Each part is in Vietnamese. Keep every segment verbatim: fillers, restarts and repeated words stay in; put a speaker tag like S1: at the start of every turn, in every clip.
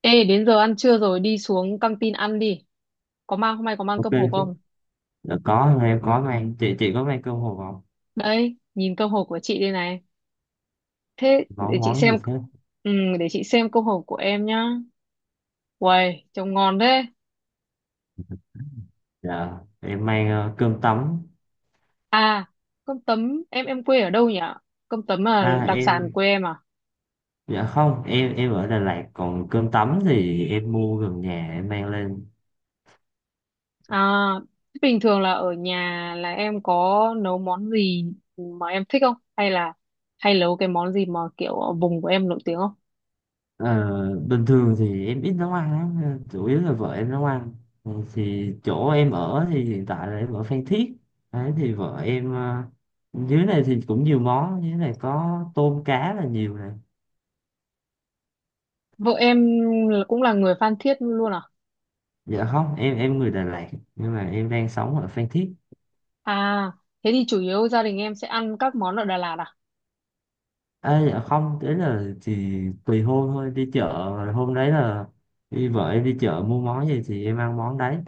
S1: Ê, đến giờ ăn trưa rồi, đi xuống căng tin ăn đi. Có mang, hôm nay có mang
S2: Ok
S1: cơm hộp
S2: chứ.
S1: không?
S2: Dạ, có em có mang. Chị chị có mang cơm hộp không?
S1: Đấy, nhìn cơm hộp của chị đây này. Thế, để
S2: món
S1: chị
S2: món
S1: xem,
S2: gì thế?
S1: ừ, để chị xem cơm hộp của em nhá. Uầy, trông ngon thế.
S2: Dạ em mang ờ, cơm tấm.
S1: À, cơm tấm, em em quê ở đâu nhỉ? Cơm tấm là
S2: À,
S1: đặc sản
S2: em.
S1: quê em à?
S2: Dạ không, em em ở Đà Lạt, còn cơm tấm thì em mua gần nhà em mang lên.
S1: À, thế bình thường là ở nhà là em có nấu món gì mà em thích không? Hay là hay nấu cái món gì mà kiểu ở vùng của em nổi tiếng không?
S2: Ờ, Bình thường thì em ít nấu ăn lắm nên chủ yếu là vợ em nấu ăn. Ừ, thì chỗ em ở thì hiện tại là em ở Phan Thiết. Đấy thì vợ em ờ, dưới này thì cũng nhiều món, dưới này có tôm cá là nhiều này.
S1: Vợ em là- cũng là người Phan Thiết luôn à?
S2: Dạ không, em em người Đà Lạt. Nhưng mà em đang sống ở Phan Thiết.
S1: À, thế thì chủ yếu gia đình em sẽ ăn các món ở Đà Lạt à?
S2: Ê, dạ không, đấy là chỉ tùy hôm thôi, đi chợ rồi hôm đấy là đi vợ em đi chợ mua món gì thì em ăn món đấy,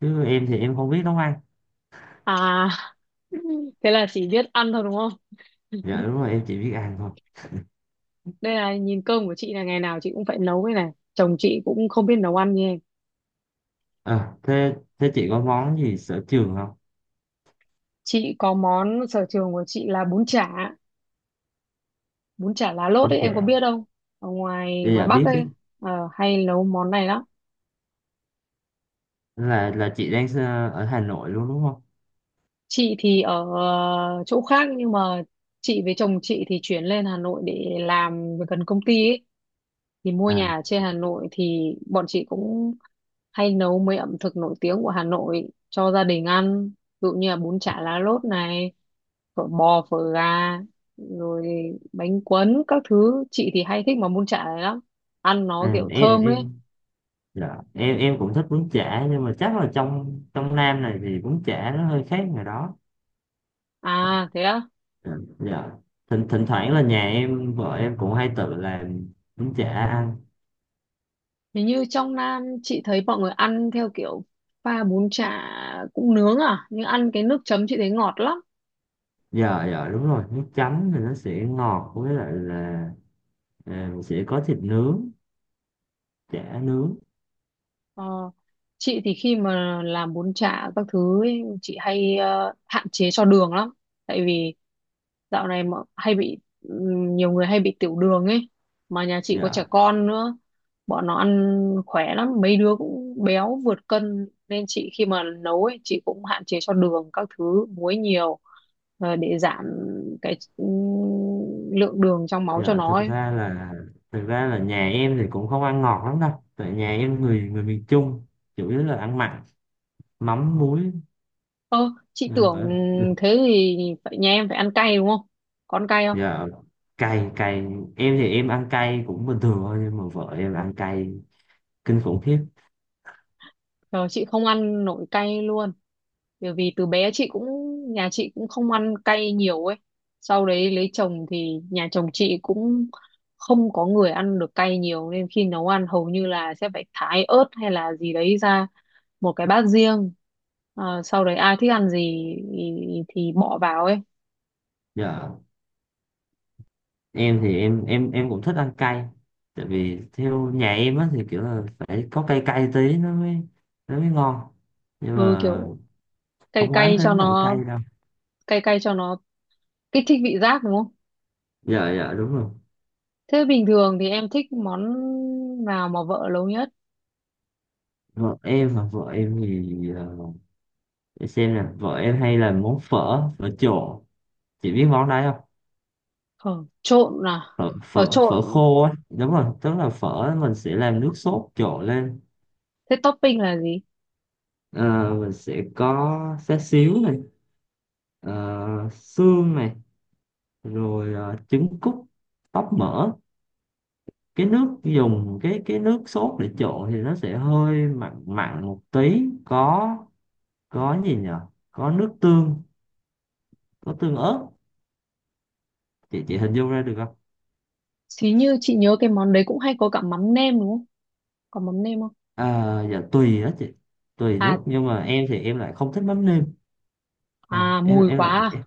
S2: chứ em thì em không biết nấu ăn.
S1: À, thế là chỉ biết ăn thôi đúng không?
S2: Dạ đúng rồi, em chỉ biết ăn thôi.
S1: Đây là nhìn cơm của chị là ngày nào chị cũng phải nấu cái này. Chồng chị cũng không biết nấu ăn như em.
S2: À, thế thế chị có món gì sở trường không?
S1: Chị có món sở trường của chị là bún chả, bún chả lá lốt
S2: Đúng.
S1: ấy em có
S2: Dạ.
S1: biết không? Ở ngoài
S2: Dạ
S1: ngoài
S2: dạ,
S1: Bắc
S2: biết biết.
S1: ấy ờ, hay nấu món này lắm.
S2: Là là chị đang ờ, ở Hà Nội luôn đúng không?
S1: Chị thì ở ờ, chỗ khác nhưng mà chị với chồng chị thì chuyển lên Hà Nội để làm việc gần công ty ấy. Thì mua
S2: À,
S1: nhà ở trên Hà Nội thì bọn chị cũng hay nấu mấy ẩm thực nổi tiếng của Hà Nội cho gia đình ăn, ví dụ như là bún chả lá lốt này, phở bò, phở gà, rồi bánh cuốn các thứ. Chị thì hay thích mà bún chả này lắm, ăn nó
S2: à,
S1: kiểu
S2: em
S1: thơm ấy.
S2: em. Dạ em em cũng thích bún chả, nhưng mà chắc là trong trong Nam này thì bún chả nó hơi khác ngoài đó.
S1: À, thế á?
S2: À. Dạ. Thỉnh, thỉnh thoảng là nhà em vợ em cũng hay tự làm bún chả ăn.
S1: Hình như trong Nam chị thấy mọi người ăn theo kiểu pha bún chả cũng nướng à, nhưng ăn cái nước chấm chị thấy ngọt lắm.
S2: Dạ dạ đúng rồi, nước chấm thì nó sẽ ngọt, với lại là à, sẽ có thịt nướng, chả nướng.
S1: Ờ, chị thì khi mà làm bún chả các thứ ấy, chị hay ờ, hạn chế cho đường lắm, tại vì dạo này mà hay bị ừm, nhiều người hay bị tiểu đường ấy, mà nhà chị có trẻ
S2: Dạ.
S1: con nữa, bọn nó ăn khỏe lắm, mấy đứa cũng béo vượt cân, nên chị khi mà nấu ấy chị cũng hạn chế cho đường các thứ muối nhiều, ờ, để giảm cái ừm, lượng đường trong máu cho
S2: Dạ,
S1: nó
S2: thực
S1: ấy.
S2: ra là thực ra là nhà em thì cũng không ăn ngọt lắm đâu, tại nhà em người người miền Trung, chủ yếu là ăn mặn, mắm muối.
S1: Ơ, chị
S2: Dạ
S1: tưởng
S2: ở-
S1: thế thì phải nhà em phải ăn cay đúng không? Con cay không?
S2: Dạ. Cay cay. Em thì em ăn cay cũng bình thường thôi, nhưng mà vợ em ăn cay kinh khủng khiếp.
S1: Trời, chị không ăn nổi cay luôn. Bởi vì từ bé chị cũng, nhà chị cũng không ăn cay nhiều ấy. Sau đấy lấy chồng thì nhà chồng chị cũng không có người ăn được cay nhiều nên khi nấu ăn hầu như là sẽ phải thái ớt hay là gì đấy ra một cái bát riêng. Ờ, sau đấy ai thích ăn gì thì, thì bỏ vào ấy.
S2: Dạ em thì em em em cũng thích ăn cay, tại vì theo nhà em á thì kiểu là phải có cay cay tí nó mới nó mới ngon, nhưng
S1: Ừ,
S2: mà
S1: kiểu cay
S2: không oán
S1: cay cho
S2: đến nỗi
S1: nó
S2: cay đâu.
S1: cay cay cho nó kích thích vị giác đúng không?
S2: Dạ dạ đúng rồi.
S1: Thế bình thường thì em thích món nào mà vợ nấu nhất?
S2: Vợ em, mà vợ em thì ờ, để xem nè, vợ em hay làm món phở phở trộn. Chị biết món đấy không?
S1: Phở trộn à?
S2: phở
S1: Phở
S2: phở, phở
S1: trộn,
S2: khô á, đúng rồi, tức là phở mình sẽ làm nước sốt trộn lên.
S1: thế topping là gì?
S2: Ờ, mình sẽ có xá xíu này, ờ, xương này, rồi ờ, trứng cút, tóp mỡ. Cái nước dùng, cái cái nước sốt để trộn thì nó sẽ hơi mặn mặn một tí, có có gì nhở, có nước tương, có tương ớt. Chị chị hình dung ra được không?
S1: Xí như chị nhớ cái món đấy cũng hay có cả mắm nêm đúng không? Có mắm nêm không?
S2: À, dạ tùy đó chị, tùy
S1: à
S2: lúc, nhưng mà em thì em lại không thích mắm nêm. À,
S1: à
S2: em
S1: mùi
S2: em lại.
S1: quá à.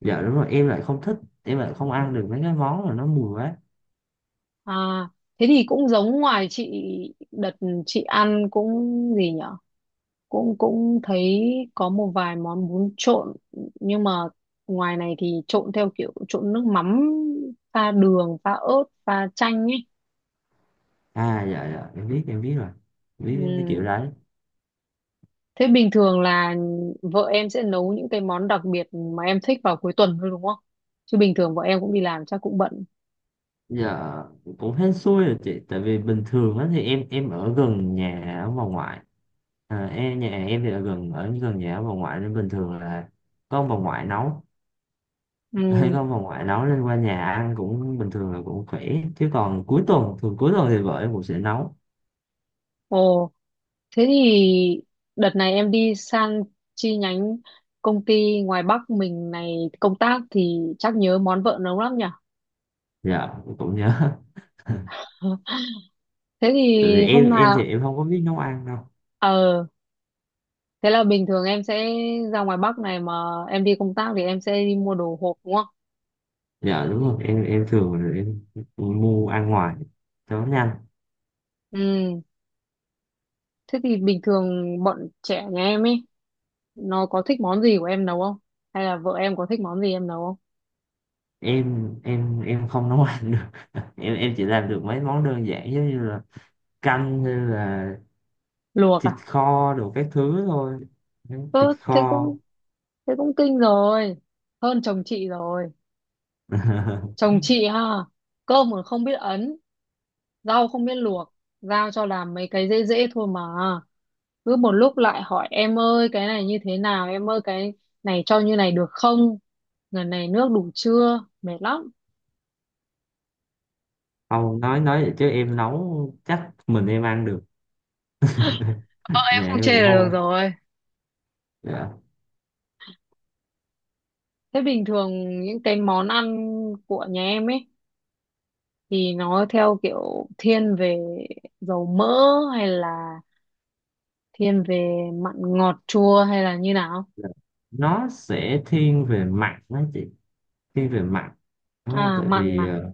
S2: Dạ đúng rồi, em lại không thích. Em lại không ăn được mấy cái món mà nó mùi quá.
S1: À, thế thì cũng giống ngoài chị. Đợt chị ăn cũng, gì nhở, cũng cũng thấy có một vài món bún trộn, nhưng mà ngoài này thì trộn theo kiểu trộn nước mắm, pha đường, pha ớt, pha chanh ấy.
S2: À dạ dạ, em biết, em biết rồi. Em biết cái kiểu
S1: Ừ.
S2: đấy.
S1: Thế bình thường là vợ em sẽ nấu những cái món đặc biệt mà em thích vào cuối tuần thôi đúng không? Chứ bình thường vợ em cũng đi làm chắc cũng bận.
S2: Dạ, cũng hên xui rồi chị, tại vì bình thường á thì em em ở gần nhà ông bà ngoại. À, em nhà em thì ở gần ở gần nhà ông bà ngoại, nên bình thường là có ông bà ngoại nấu.
S1: Ừ.
S2: Có ông bà ngoại nấu nên qua nhà ăn cũng bình thường là cũng khỏe, chứ còn cuối tuần thường cuối tuần thì vợ em cũng sẽ nấu.
S1: Ồ, thế thì đợt này em đi sang chi nhánh công ty ngoài Bắc mình này công tác thì chắc nhớ món vợ nấu lắm nhỉ?
S2: Dạ cũng nhớ.
S1: Thế thì
S2: Tại vì
S1: hôm
S2: em em
S1: nào
S2: thì em không có biết nấu ăn đâu.
S1: ờ thế là bình thường em sẽ ra ngoài Bắc này mà em đi công tác thì em sẽ đi mua đồ hộp đúng không?
S2: Dạ đúng rồi, em em thường là em mua ăn ngoài cho nó nhanh.
S1: Ừ. Thế thì bình thường bọn trẻ nhà em ấy nó có thích món gì của em nấu không? Hay là vợ em có thích món gì em nấu không?
S2: Em em em không nấu ăn được. Em em chỉ làm được mấy món đơn giản giống như là canh, hay là
S1: Luộc
S2: thịt
S1: à?
S2: kho đồ các thứ thôi. Đấy,
S1: Ơ,
S2: thịt
S1: thế
S2: kho.
S1: cũng thế cũng kinh rồi, hơn chồng chị rồi. Chồng chị ha, cơm còn không biết ấn, rau không biết luộc, giao cho làm mấy cái dễ dễ thôi mà cứ một lúc lại hỏi em ơi cái này như thế nào, em ơi cái này cho như này được không, lần này nước đủ chưa, mệt lắm.
S2: Không, nói nói vậy chứ em nấu chắc mình em ăn được.
S1: Em
S2: Dạ
S1: không
S2: em
S1: chê
S2: cũng
S1: là
S2: không
S1: được
S2: ăn.
S1: rồi.
S2: Dạ.
S1: Thế bình thường những cái món ăn của nhà em ấy thì nó theo kiểu thiên về dầu mỡ hay là thiên về mặn ngọt chua hay là như nào?
S2: Dạ. Nó sẽ thiên về mặn đó chị. Thiên về mặn. Đó,
S1: À,
S2: tại
S1: mặn
S2: vì
S1: à.
S2: ờ,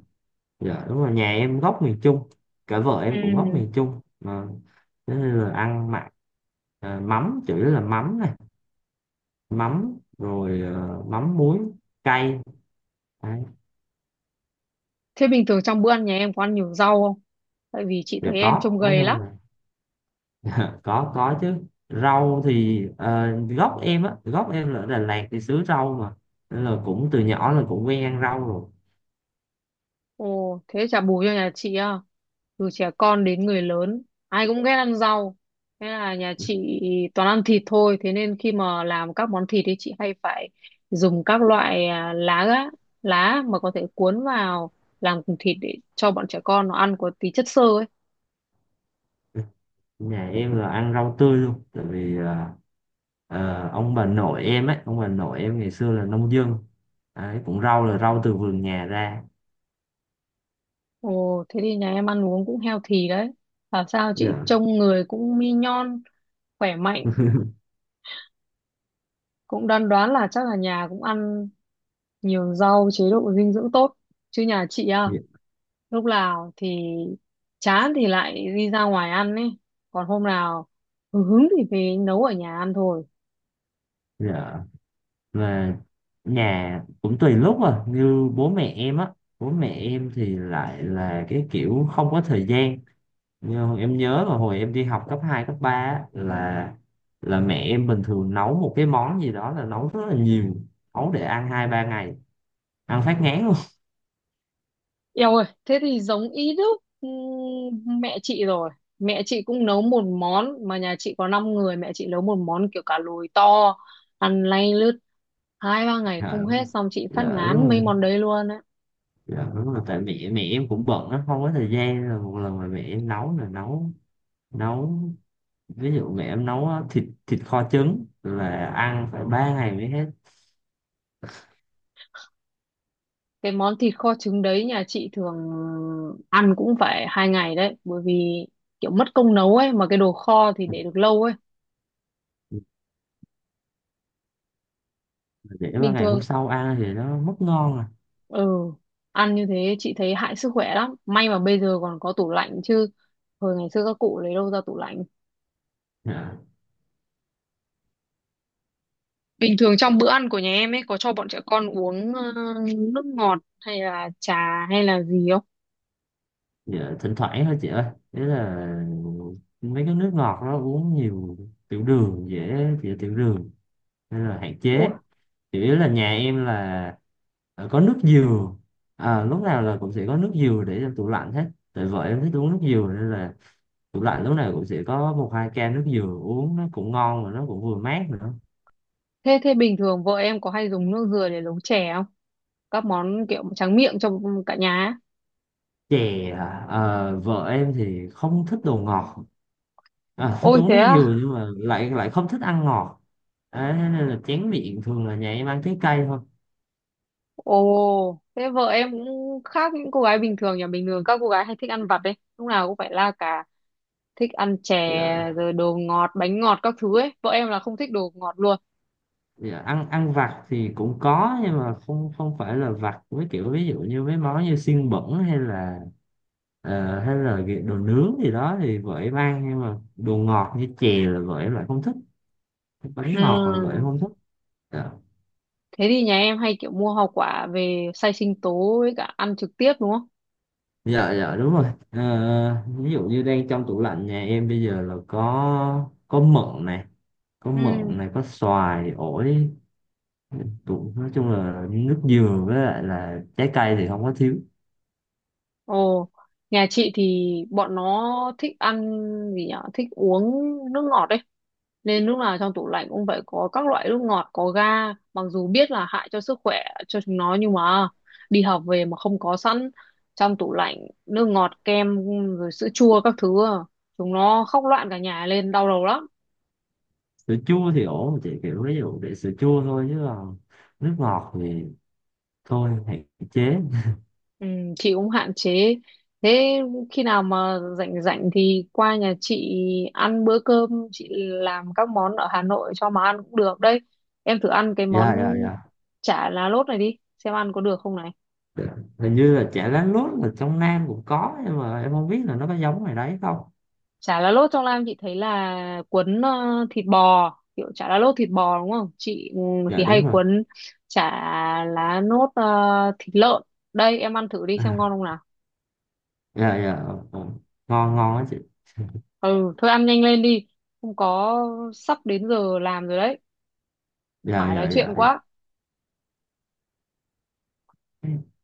S2: dạ đúng rồi, nhà em gốc miền Trung. Cả vợ em
S1: Ừ.
S2: cũng gốc miền Trung mà. Thế nên là ăn mặn. Ờ, Mắm chủ yếu là mắm này, mắm rồi ờ, mắm muối, cay. Đấy,
S1: Thế bình thường trong bữa ăn nhà em có ăn nhiều rau không? Tại vì chị thấy
S2: đều
S1: em trông
S2: có. Đó,
S1: gầy lắm.
S2: có có chứ. Rau thì ờ, gốc em á gốc em là ở Đà Lạt thì xứ rau mà, nên là cũng từ nhỏ là cũng quen ăn rau rồi.
S1: Ồ, thế chả bù cho nhà chị à? Từ trẻ con đến người lớn, ai cũng ghét ăn rau. Thế là nhà chị toàn ăn thịt thôi. Thế nên khi mà làm các món thịt thì chị hay phải dùng các loại à, lá á, lá mà có thể cuốn vào làm cùng thịt để cho bọn trẻ con nó ăn có tí chất xơ ấy.
S2: Nhà em là ăn rau tươi luôn, tại vì ờ, ờ, ông bà nội em ấy ông bà nội em ngày xưa là nông dân. Đấy, cũng rau là rau từ vườn nhà ra.
S1: Ồ, thế thì nhà em ăn uống cũng healthy đấy. Bảo sao chị
S2: Dạ.
S1: trông người cũng mi nhon, khỏe mạnh. Cũng đoán đoán là chắc là nhà cũng ăn nhiều rau, chế độ dinh dưỡng tốt. Chứ nhà chị à?
S2: Dạ.
S1: Lúc nào thì chán thì lại đi ra ngoài ăn ấy, còn hôm nào hứng thì về nấu ở nhà ăn thôi.
S2: dạ. Mà nhà cũng tùy lúc, à như bố mẹ em á, bố mẹ em thì lại là cái kiểu không có thời gian. Nhưng em nhớ là hồi em đi học cấp hai cấp ba á, là là mẹ em bình thường nấu một cái món gì đó là nấu rất là nhiều, nấu để ăn hai ba ngày, ăn phát ngán luôn.
S1: Eo ơi, thế thì giống ý đúc ừm, mẹ chị rồi. Mẹ chị cũng nấu một món mà nhà chị có năm người, mẹ chị nấu một món kiểu cá lùi to, ăn lay lướt hai ba ngày
S2: Dạ
S1: không
S2: đúng
S1: hết,
S2: rồi.
S1: xong chị phát
S2: Dạ
S1: ngán
S2: đúng
S1: mấy
S2: rồi.
S1: món đấy luôn ấy.
S2: Dạ đúng rồi. Tại mẹ mẹ em cũng bận á, không có thời gian. Rồi một lần mà mẹ em nấu là nấu nấu ví dụ mẹ em nấu á, thịt thịt kho trứng là ăn phải ba ngày mới hết.
S1: Cái món thịt kho trứng đấy nhà chị thường ăn cũng phải hai ngày đấy, bởi vì kiểu mất công nấu ấy mà cái đồ kho thì để được lâu ấy
S2: Để ba
S1: bình
S2: ngày hôm
S1: thường.
S2: sau ăn thì nó mất ngon à.
S1: Ừ, ăn như thế chị thấy hại sức khỏe lắm. May mà bây giờ còn có tủ lạnh chứ. Hồi ngày xưa các cụ lấy đâu ra tủ lạnh.
S2: Dạ.
S1: Bình thường trong bữa ăn của nhà em ấy có cho bọn trẻ con uống ờ, nước ngọt hay là trà hay là gì không?
S2: Dạ, thỉnh thoảng thôi chị ơi. Thế là mấy cái nước ngọt đó uống nhiều, tiểu đường, dễ bị tiểu đường nên là hạn chế.
S1: Ủa,
S2: Chủ yếu là nhà em là ờ, có nước dừa. À, lúc nào là cũng sẽ có nước dừa để trong tủ lạnh hết, tại vợ em thích uống nước dừa nên là tủ lạnh lúc nào cũng sẽ có một hai can nước dừa, uống nó cũng ngon mà nó cũng vừa mát nữa.
S1: thế thế bình thường vợ em có hay dùng nước dừa để nấu chè không? Các món kiểu tráng miệng cho cả nhà ấy.
S2: Chè à? ờ, Vợ em thì không thích đồ ngọt. À, thích
S1: Ôi
S2: uống
S1: thế
S2: nước
S1: à?
S2: dừa nhưng mà lại lại không thích ăn ngọt. Đấy, thế nên là chén miệng thường là nhà em ăn trái cây thôi.
S1: Ồ, thế vợ em cũng khác những cô gái bình thường, nhà bình thường các cô gái hay thích ăn vặt đấy. Lúc nào cũng phải la cà thích ăn chè,
S2: Dạ.
S1: rồi đồ ngọt bánh ngọt các thứ ấy, vợ em là không thích đồ ngọt luôn.
S2: Dạ, ăn ăn vặt thì cũng có nhưng mà không không phải là vặt với kiểu ví dụ như mấy món như xiên bẩn hay là ờ, hay là cái đồ nướng gì đó thì vợ em ăn, nhưng mà đồ ngọt như chè là vợ em lại không thích. Bánh ngọt là vợ em
S1: Ừm,
S2: không thích. Dạ.
S1: Thế thì nhà em hay kiểu mua hoa quả về xay sinh tố với cả ăn trực tiếp đúng không?
S2: Dạ, dạ đúng rồi. Ờ, ví dụ như đang trong tủ lạnh nhà em bây giờ là có có mận này, có
S1: Ừ.
S2: mận này có xoài ổi. Ừ, cũng nói chung là nước dừa với lại là trái cây thì không có thiếu.
S1: Ồ, nhà chị thì bọn nó thích ăn gì nhở, thích uống nước ngọt đấy. Nên lúc nào trong tủ lạnh cũng phải có các loại nước ngọt, có ga, mặc dù biết là hại cho sức khỏe cho chúng nó nhưng mà đi học về mà không có sẵn trong tủ lạnh nước ngọt, kem rồi sữa chua các thứ, à, chúng nó khóc loạn cả nhà lên đau đầu lắm.
S2: Sữa chua thì ổn chị, kiểu ví dụ để sữa chua thôi, chứ còn nước ngọt thì thôi, hạn chế.
S1: Ừ, chị cũng hạn chế. Thế khi nào mà rảnh rảnh thì qua nhà chị ăn bữa cơm, chị làm các món ở Hà Nội cho mà ăn cũng được đấy. Em thử ăn cái món
S2: Dạ dạ
S1: chả lá lốt này đi xem ăn có được không này.
S2: dạ. Hình như là chả lá lốt là trong Nam cũng có, nhưng mà em không biết là nó có giống ngoài đấy không.
S1: Chả lá lốt trong Lam chị thấy là cuốn ờ, thịt bò, kiểu chả lá lốt thịt bò đúng không chị? Ừ, thì
S2: Dạ
S1: hay
S2: đúng rồi.
S1: cuốn chả lá lốt ờ, thịt lợn. Đây em ăn thử đi
S2: À,
S1: xem ngon không nào.
S2: dạ dạ. ờ, ờ. Ngon ngon á chị.
S1: Ừ, thôi ăn nhanh lên đi, không có sắp đến giờ làm rồi đấy,
S2: Dạ
S1: mãi nói
S2: dạ dạ
S1: chuyện quá.
S2: dạ.